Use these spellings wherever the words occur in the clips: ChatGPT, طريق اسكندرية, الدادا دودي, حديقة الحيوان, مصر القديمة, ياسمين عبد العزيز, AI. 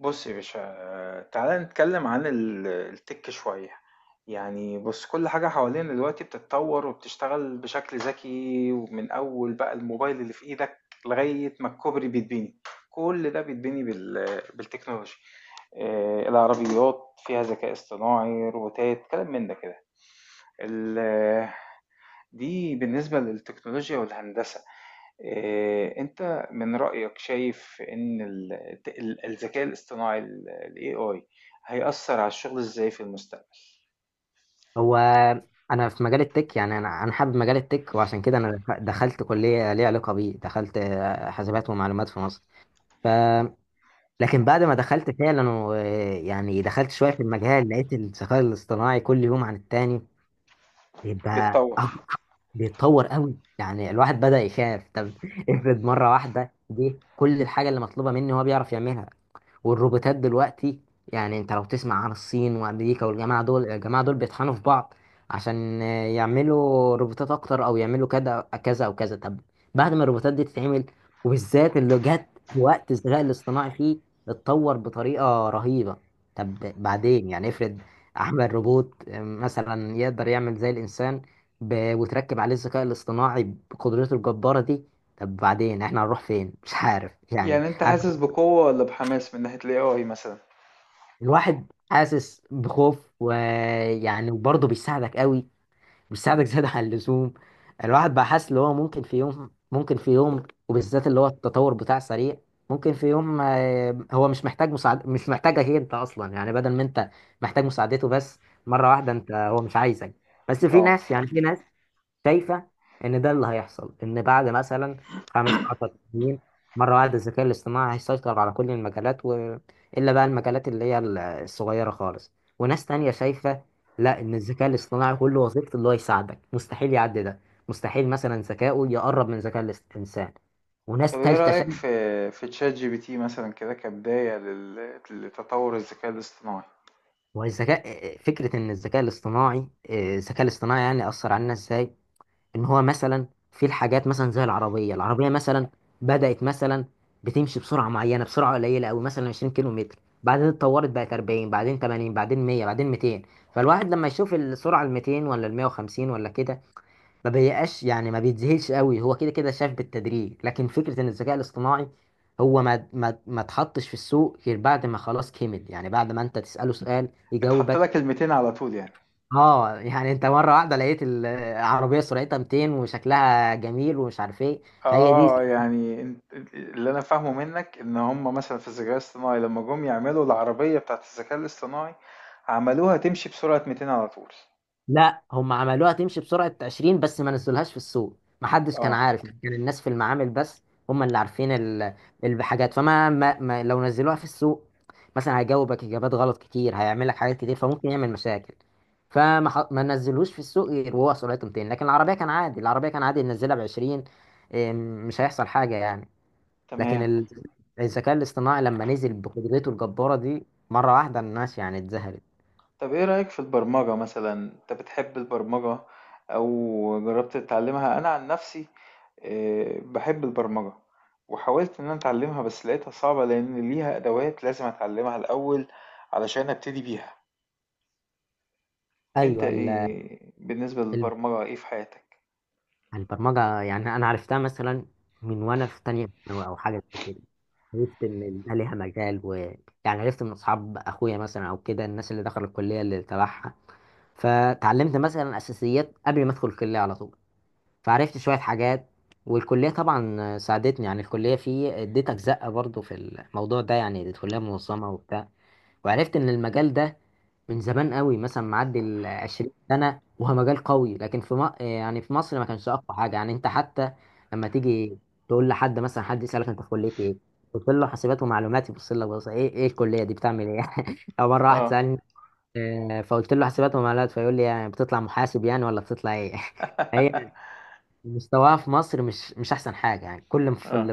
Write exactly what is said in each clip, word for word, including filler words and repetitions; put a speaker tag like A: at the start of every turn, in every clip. A: بص يا باشا، آه، تعالى نتكلم عن ال- التك شوية. يعني بص، كل حاجة حوالينا دلوقتي بتتطور وبتشتغل بشكل ذكي، ومن أول بقى الموبايل اللي في إيدك لغاية ما الكوبري بيتبني. كل ده بيتبني بال- بالتكنولوجيا. آه، العربيات فيها ذكاء اصطناعي، روبوتات، كلام من ده كده. ال- دي بالنسبة للتكنولوجيا والهندسة. آه، انت من رأيك شايف ان ال- ال- الذكاء الاصطناعي، ال ال إيه آي هيأثر على الشغل ازاي في المستقبل؟
B: هو، انا في مجال التك. يعني انا انا حابب مجال التك، وعشان كده انا دخ- دخلت كليه ليها علاقه بيه. دخلت آه، حاسبات ومعلومات في مصر. ف لكن بعد ما دخلت فعلا و... يعني دخلت شويه في المجال، لقيت الذكاء الاصطناعي كل يوم عن التاني بيبقى
A: بيتطور.
B: أق- بيتطور قوي. يعني الواحد بدأ يخاف. طب افرض مره واحده جه كل الحاجه اللي مطلوبه مني هو بيعرف يعملها. والروبوتات دلوقتي يعني انت لو تسمع عن الصين وامريكا والجماعه دول الجماعه دول بيطحنوا في بعض عشان آه، يعملوا روبوتات اكتر، او يعملوا كذا كذا او كذا. طب بعد ما الروبوتات دي تتعمل، وبالذات اللي جت في وقت الذكاء الاصطناعي فيه اتطور بطريقه رهيبه. طب بعدين يعني افرض اعمل روبوت آه، مثلا يقدر يعمل زي الانسان، ب... وتركب عليه الذكاء الاصطناعي بقدرته الجباره دي. طب بعدين احنا هنروح فين؟ مش عارف يعني
A: يعني انت
B: انا.
A: حاسس بقوة ولا بحماس من ناحية ال إيه آي مثلا؟
B: الواحد حاسس بخوف، ويعني وبرضه بيساعدك قوي. بيساعدك زيادة عن اللزوم. الواحد بقى حاسس اللي هو ممكن في يوم، ممكن في يوم، وبالذات اللي هو التطور بتاع سريع، ممكن في يوم آه، هو مش محتاج مساعد، مش محتاجك هي انت اصلا. يعني بدل ما انت محتاج مساعدته بس، مرة واحدة انت هو مش عايزك. بس في
A: اه.
B: ناس، يعني في ناس شايفه ان ده اللي هيحصل، ان بعد مثلا خمس عشرة سنة سنين مره واحده الذكاء الاصطناعي هيسيطر على كل المجالات، و... الا بقى المجالات اللي هي ال- الصغيره خالص. وناس تانية شايفه لا، ان الذكاء الاصطناعي كل وظيفته اللي هو يساعدك، مستحيل يعدي ده. مستحيل مثلا ذكائه يقرب من ذكاء الاس- الانسان.
A: طب
B: وناس
A: ايه
B: تالتة
A: رأيك في
B: شايفه
A: في تشات جي بي تي مثلا، كده كبداية لل- لتطور الذكاء الاصطناعي؟
B: والذكاء فكره ان الذكاء الاصطناعي، آه، الذكاء الاصطناعي يعني اثر علينا ازاي. ان هو مثلا في الحاجات مثلا زي العربيه العربيه مثلا بدات مثلا بتمشي بسرعه معينه، بسرعه قليله قوي، مثلا عشرين كيلو متر كيلو متر. بعدين اتطورت بقت أربعين، بعدين تمانين، بعدين ميه، بعدين ميتين. فالواحد لما يشوف السرعه ال ميتين ولا ال مئة وخمسين ولا كده ما بيبقاش، يعني ما بيتذهلش قوي. هو كده كده شاف بالتدريج. لكن فكره ان الذكاء الاصطناعي هو ما ما ما اتحطش في السوق غير بعد ما خلاص كمل. يعني بعد ما انت تساله سؤال
A: اتحط
B: يجاوبك.
A: لك الميتين على طول يعني.
B: اه، يعني انت مره واحده لقيت العربيه سرعتها ميتين وشكلها جميل ومش عارف ايه، فهي دي.
A: اه، يعني انت، اللي انا فاهمه منك ان هم مثلا في الذكاء الاصطناعي لما جم يعملوا العربية بتاعت الذكاء الاصطناعي عملوها تمشي بسرعة مئتين على طول.
B: لا، هم عملوها تمشي بسرعه عشرين بس ما نزلوهاش في السوق. ما حدش كان
A: اه،
B: عارف. يعني كان الناس في المعامل بس هم اللي عارفين ال- الحاجات. فما ما ما لو نزلوها في السوق، مثلا هيجاوبك اجابات غلط كتير، هيعمل لك حاجات كتير، فممكن يعمل مشاكل. فما ح- ما نزلوش في السوق غير وهو سرعته ميتين. لكن العربيه كان عادي العربيه كان عادي ننزلها ب عشرين. إيه، مش هيحصل حاجه يعني. لكن
A: تمام.
B: ال- الذكاء الاصطناعي لما نزل بقدرته الجبارة دي مرة واحدة، الناس يعني اتذهلت.
A: طب ايه رأيك في البرمجة مثلا؟ انت بتحب البرمجة او جربت تتعلمها؟ انا عن نفسي آه، بحب البرمجة، وحاولت ان انا اتعلمها، بس لقيتها صعبة لان ليها ادوات لازم اتعلمها الاول علشان ابتدي بيها. انت
B: ايوه، ال-
A: ايه بالنسبة
B: ال-
A: للبرمجة؟ ايه في حياتك؟
B: البرمجة يعني انا عرفتها مثلا من وانا في تانية ثانوي او حاجة زي كده. عرفت ان ده ليها مجال. و يعني عرفت من اصحاب اخويا مثلا او كده، الناس اللي دخلوا الكلية اللي تبعها. فتعلمت مثلا اساسيات قبل ما ادخل الكليه على طول. فعرفت شويه حاجات. والكليه طبعا ساعدتني. يعني الكليه في اديت اجزاء برضو في الموضوع ده، يعني الكليه منظمه وبتاع. وعرفت ان المجال ده من زمان قوي، مثلا معدي ال 20 سنه، وهو مجال قوي. لكن في م... يعني في مصر ما كانش اقوى حاجه. يعني انت حتى لما تيجي تقول لحد، مثلا حد يسالك انت في كليه ايه، قلت له حاسبات ومعلومات، يبص لك، بص ايه، ايه الكليه دي بتعمل ايه؟ او مره واحد
A: اه،
B: سالني، آه، فقلت له حاسبات ومعلومات، فيقول لي، يعني بتطلع محاسب يعني ولا بتطلع ايه؟ هي مستواها في مصر مش مش احسن حاجه. يعني كل اللي في،
A: اه،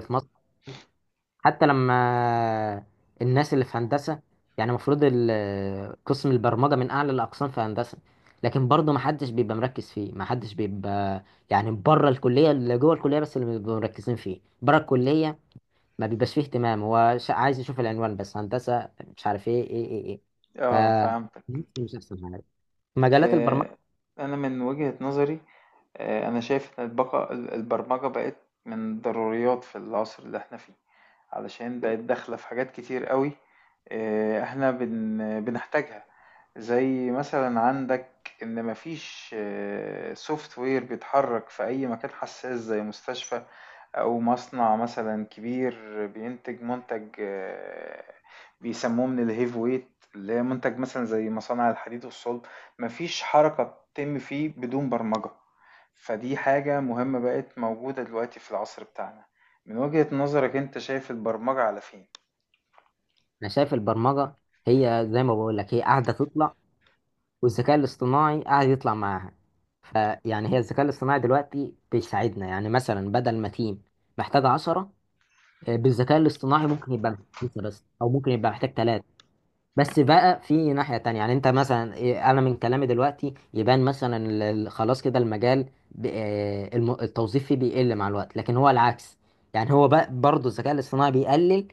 B: حتى لما الناس اللي في هندسة، يعني المفروض قسم البرمجة من أعلى الأقسام في هندسة، لكن برضه محدش بيبقى مركز فيه، محدش بيبقى، يعني بره الكلية، اللي جوه الكلية بس اللي بيبقوا مركزين فيه بره الكلية. ما بيبقاش فيه اهتمام، هو ش- عايز يشوف العنوان بس هندسة، مش عارف ايه ايه ايه ايه. ف
A: اه، فهمتك.
B: مش أحسن حاجة مجالات البرمجة.
A: آه انا من وجهة نظري، آه انا شايف ان البقاء البرمجة بقت من ضروريات في العصر اللي احنا فيه، علشان بقت داخلة في حاجات كتير قوي. آه، احنا بن بنحتاجها. زي مثلا عندك ان مفيش سوفت وير بيتحرك في اي مكان حساس، زي مستشفى أو مصنع مثلا كبير بينتج منتج، آه، بيسموه من الهيف ويت، اللي هي منتج مثلا زي مصانع الحديد والصلب. مفيش حركة بتتم فيه بدون برمجة. فدي حاجة مهمة بقت موجودة دلوقتي في العصر بتاعنا. من وجهة نظرك انت شايف البرمجة على فين؟
B: أنا شايف البرمجة هي زي ما بقول لك، هي قاعدة تطلع والذكاء الاصطناعي قاعد يطلع معاها. فيعني هي الذكاء الاصطناعي دلوقتي بيساعدنا. يعني مثلا بدل ما تيم محتاج عشرة، آه، بالذكاء الاصطناعي ممكن يبقى محتاج خمسة بس، أو ممكن يبقى محتاج تلاتة. بس بقى في ناحية تانية، يعني انت مثلا إيه، انا من كلامي دلوقتي يبان مثلا ال- ال- خلاص كده المجال ب- آه، الم- التوظيف فيه بيقل مع الوقت، لكن هو العكس. يعني هو بقى برضه الذكاء الاصطناعي بيقلل،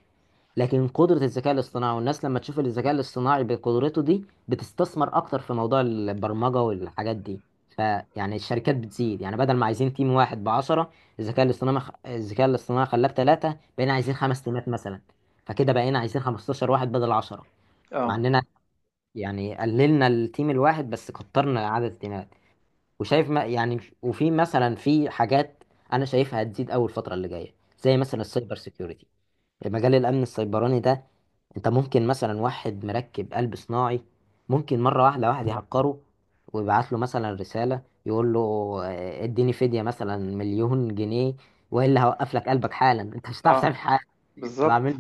B: لكن قدرة الذكاء الاصطناعي والناس لما تشوف الذكاء الاصطناعي بقدرته دي بتستثمر اكتر في موضوع البرمجة والحاجات دي. فيعني الشركات بتزيد. يعني بدل ما عايزين تيم واحد بعشرة، الذكاء الاصطناعي الذكاء الاصطناعي خلاه بتلاتة، بقينا عايزين خمس تيمات مثلا. فكده بقينا عايزين 15 واحد بدل عشره. مع
A: اه.
B: اننا يعني قللنا التيم الواحد بس كترنا عدد التيمات. وشايف ما يعني وفي مثلا في حاجات انا شايفها هتزيد اول الفتره اللي جايه، زي مثلا السايبر سيكيورتي، مجال الامن السيبراني ده. انت ممكن مثلا واحد مركب قلب صناعي، ممكن مره واحده واحد يهكره ويبعت له مثلا رساله يقول له، آه، اديني فديه مثلا مليون جنيه، والا هوقف لك قلبك حالا. انت مش هتعرف تعمل
A: اه،
B: حاجه.
A: بالظبط.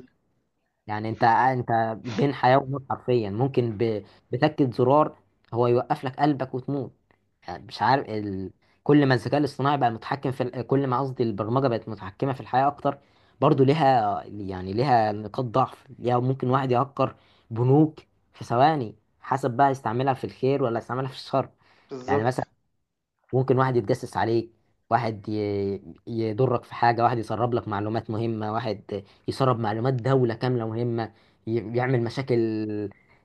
B: يعني انت انت بين حياة وموت حرفيا. ممكن ب... بتكة زرار هو يوقف لك قلبك وتموت. يعني مش عارف ال... كل ما الذكاء الاصطناعي بقى متحكم في ال- كل ما قصدي البرمجة بقت متحكمة في الحياة اكتر، برضو ليها، يعني ليها نقاط ضعف، ليها ممكن واحد يهكر بنوك في ثواني. حسب بقى يستعملها في الخير ولا يستعملها في الشر. يعني
A: بالظبط.
B: مثلا ممكن واحد يتجسس عليك، واحد ي- يضرك في حاجة، واحد يسرب لك معلومات مهمة، واحد يسرب معلومات دولة كاملة مهمة، ي- يعمل مشاكل.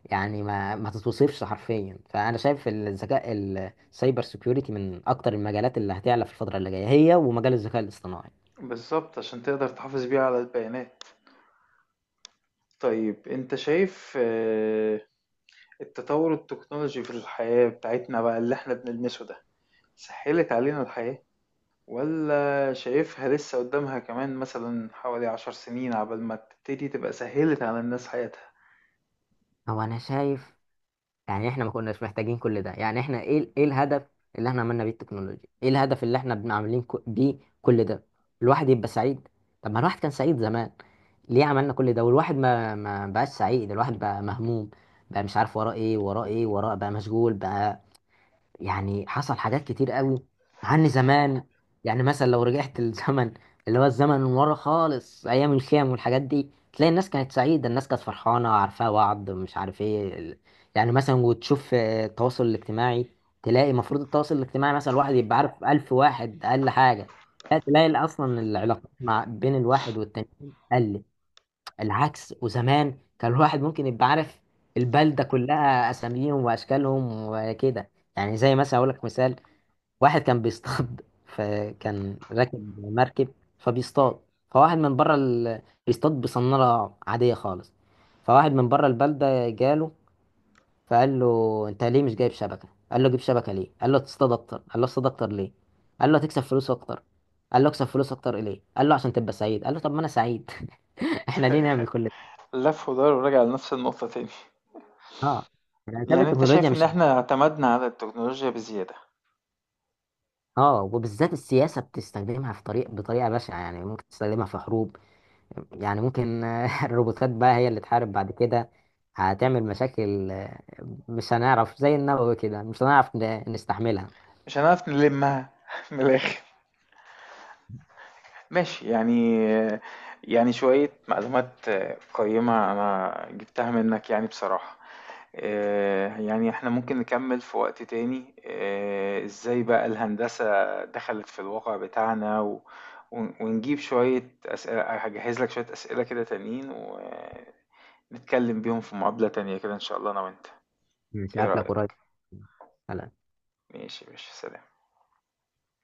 B: يعني ما ما تتوصفش حرفيا. فأنا شايف الذكاء السايبر سيكيورتي من أكتر المجالات اللي هتعلى في الفترة اللي جاية، هي ومجال الذكاء الاصطناعي.
A: بالظبط، عشان تقدر تحافظ بيها على البيانات. طيب انت شايف آه، التطور التكنولوجي في الحياة بتاعتنا بقى، اللي احنا بنلمسه ده، سهلت علينا الحياة، ولا شايفها لسه قدامها كمان مثلا حوالي عشر سنين عبال ما تبتدي تبقى سهلت على الناس حياتها؟
B: هو أنا شايف يعني احنا ما كناش محتاجين كل ده. يعني احنا ايه ال- ايه الهدف اللي احنا عملنا بيه التكنولوجيا؟ ايه الهدف اللي احنا بن- عاملين كو- بيه كل ده؟ الواحد يبقى سعيد. طب ما الواحد كان سعيد زمان. ليه عملنا كل ده والواحد ما ما بقاش سعيد؟ الواحد بقى مهموم، بقى مش عارف وراه ايه، وراه ايه، وراه بقى مشغول بقى. يعني حصل حاجات كتير قوي عني زمان. يعني مثلا لو رجعت للزمن، اللي هو الزمن من ورا خالص، ايام الخيام والحاجات دي، تلاقي الناس كانت سعيده، الناس كانت فرحانه، عارفاه بعض، مش عارف ايه ال- يعني مثلا وتشوف آه، التواصل الاجتماعي، تلاقي المفروض التواصل الاجتماعي مثلا الواحد يبقى عارف ألف واحد اقل حاجه. لا، تلاقي اصلا العلاقات مع بين الواحد والتاني قلت العكس. وزمان كان الواحد ممكن يبقى عارف البلدة كلها، أساميهم وأشكالهم وكده. يعني زي مثلا أقول لك مثال. واحد كان بيصطاد فكان راكب مركب فبيصطاد، فواحد من بره ال... بيصطاد بصنارة عادية خالص، فواحد من بره البلدة جاله فقال له أنت ليه مش جايب شبكة؟ قال له جيب شبكة ليه؟ قال له تصطاد أكتر. قال له اصطاد أكتر ليه؟ قال له هتكسب فلوس أكتر. قال له اكسب فلوس أكتر ليه؟ قال له عشان تبقى سعيد. قال له طب ما أنا سعيد. احنا ليه نعمل كل؟
A: لف ودار وراجع لنفس النقطة تاني.
B: اه، الاسباب
A: يعني انت
B: التكنولوجيا
A: شايف ان
B: مش.
A: احنا اعتمدنا على التكنولوجيا بزيادة؟
B: اه، وبالذات السياسه بتستخدمها في طريق بطريقه بشعه. يعني ممكن تستخدمها في حروب. يعني ممكن آه، الروبوتات بقى هي اللي تحارب بعد كده. هتعمل مشاكل. آه، مش هنعرف، زي النووي كده، مش هنعرف ن- نستحملها.
A: مش هنعرف نلمها من الاخر. ماشي، يعني، يعني شوية معلومات قيمة انا جبتها منك يعني بصراحة. آه، يعني احنا ممكن نكمل في وقت تاني، آه، ازاي بقى الهندسة دخلت في الواقع بتاعنا، و... ون- ونجيب شوية أسئلة، هجهز لك شوية أسئلة كده تانيين، ونتكلم بيهم في مقابلة تانية كده إن شاء الله، أنا وأنت.
B: مش
A: إيه
B: هقابلك
A: رأيك؟
B: قريب.
A: ماشي، ماشي، سلام.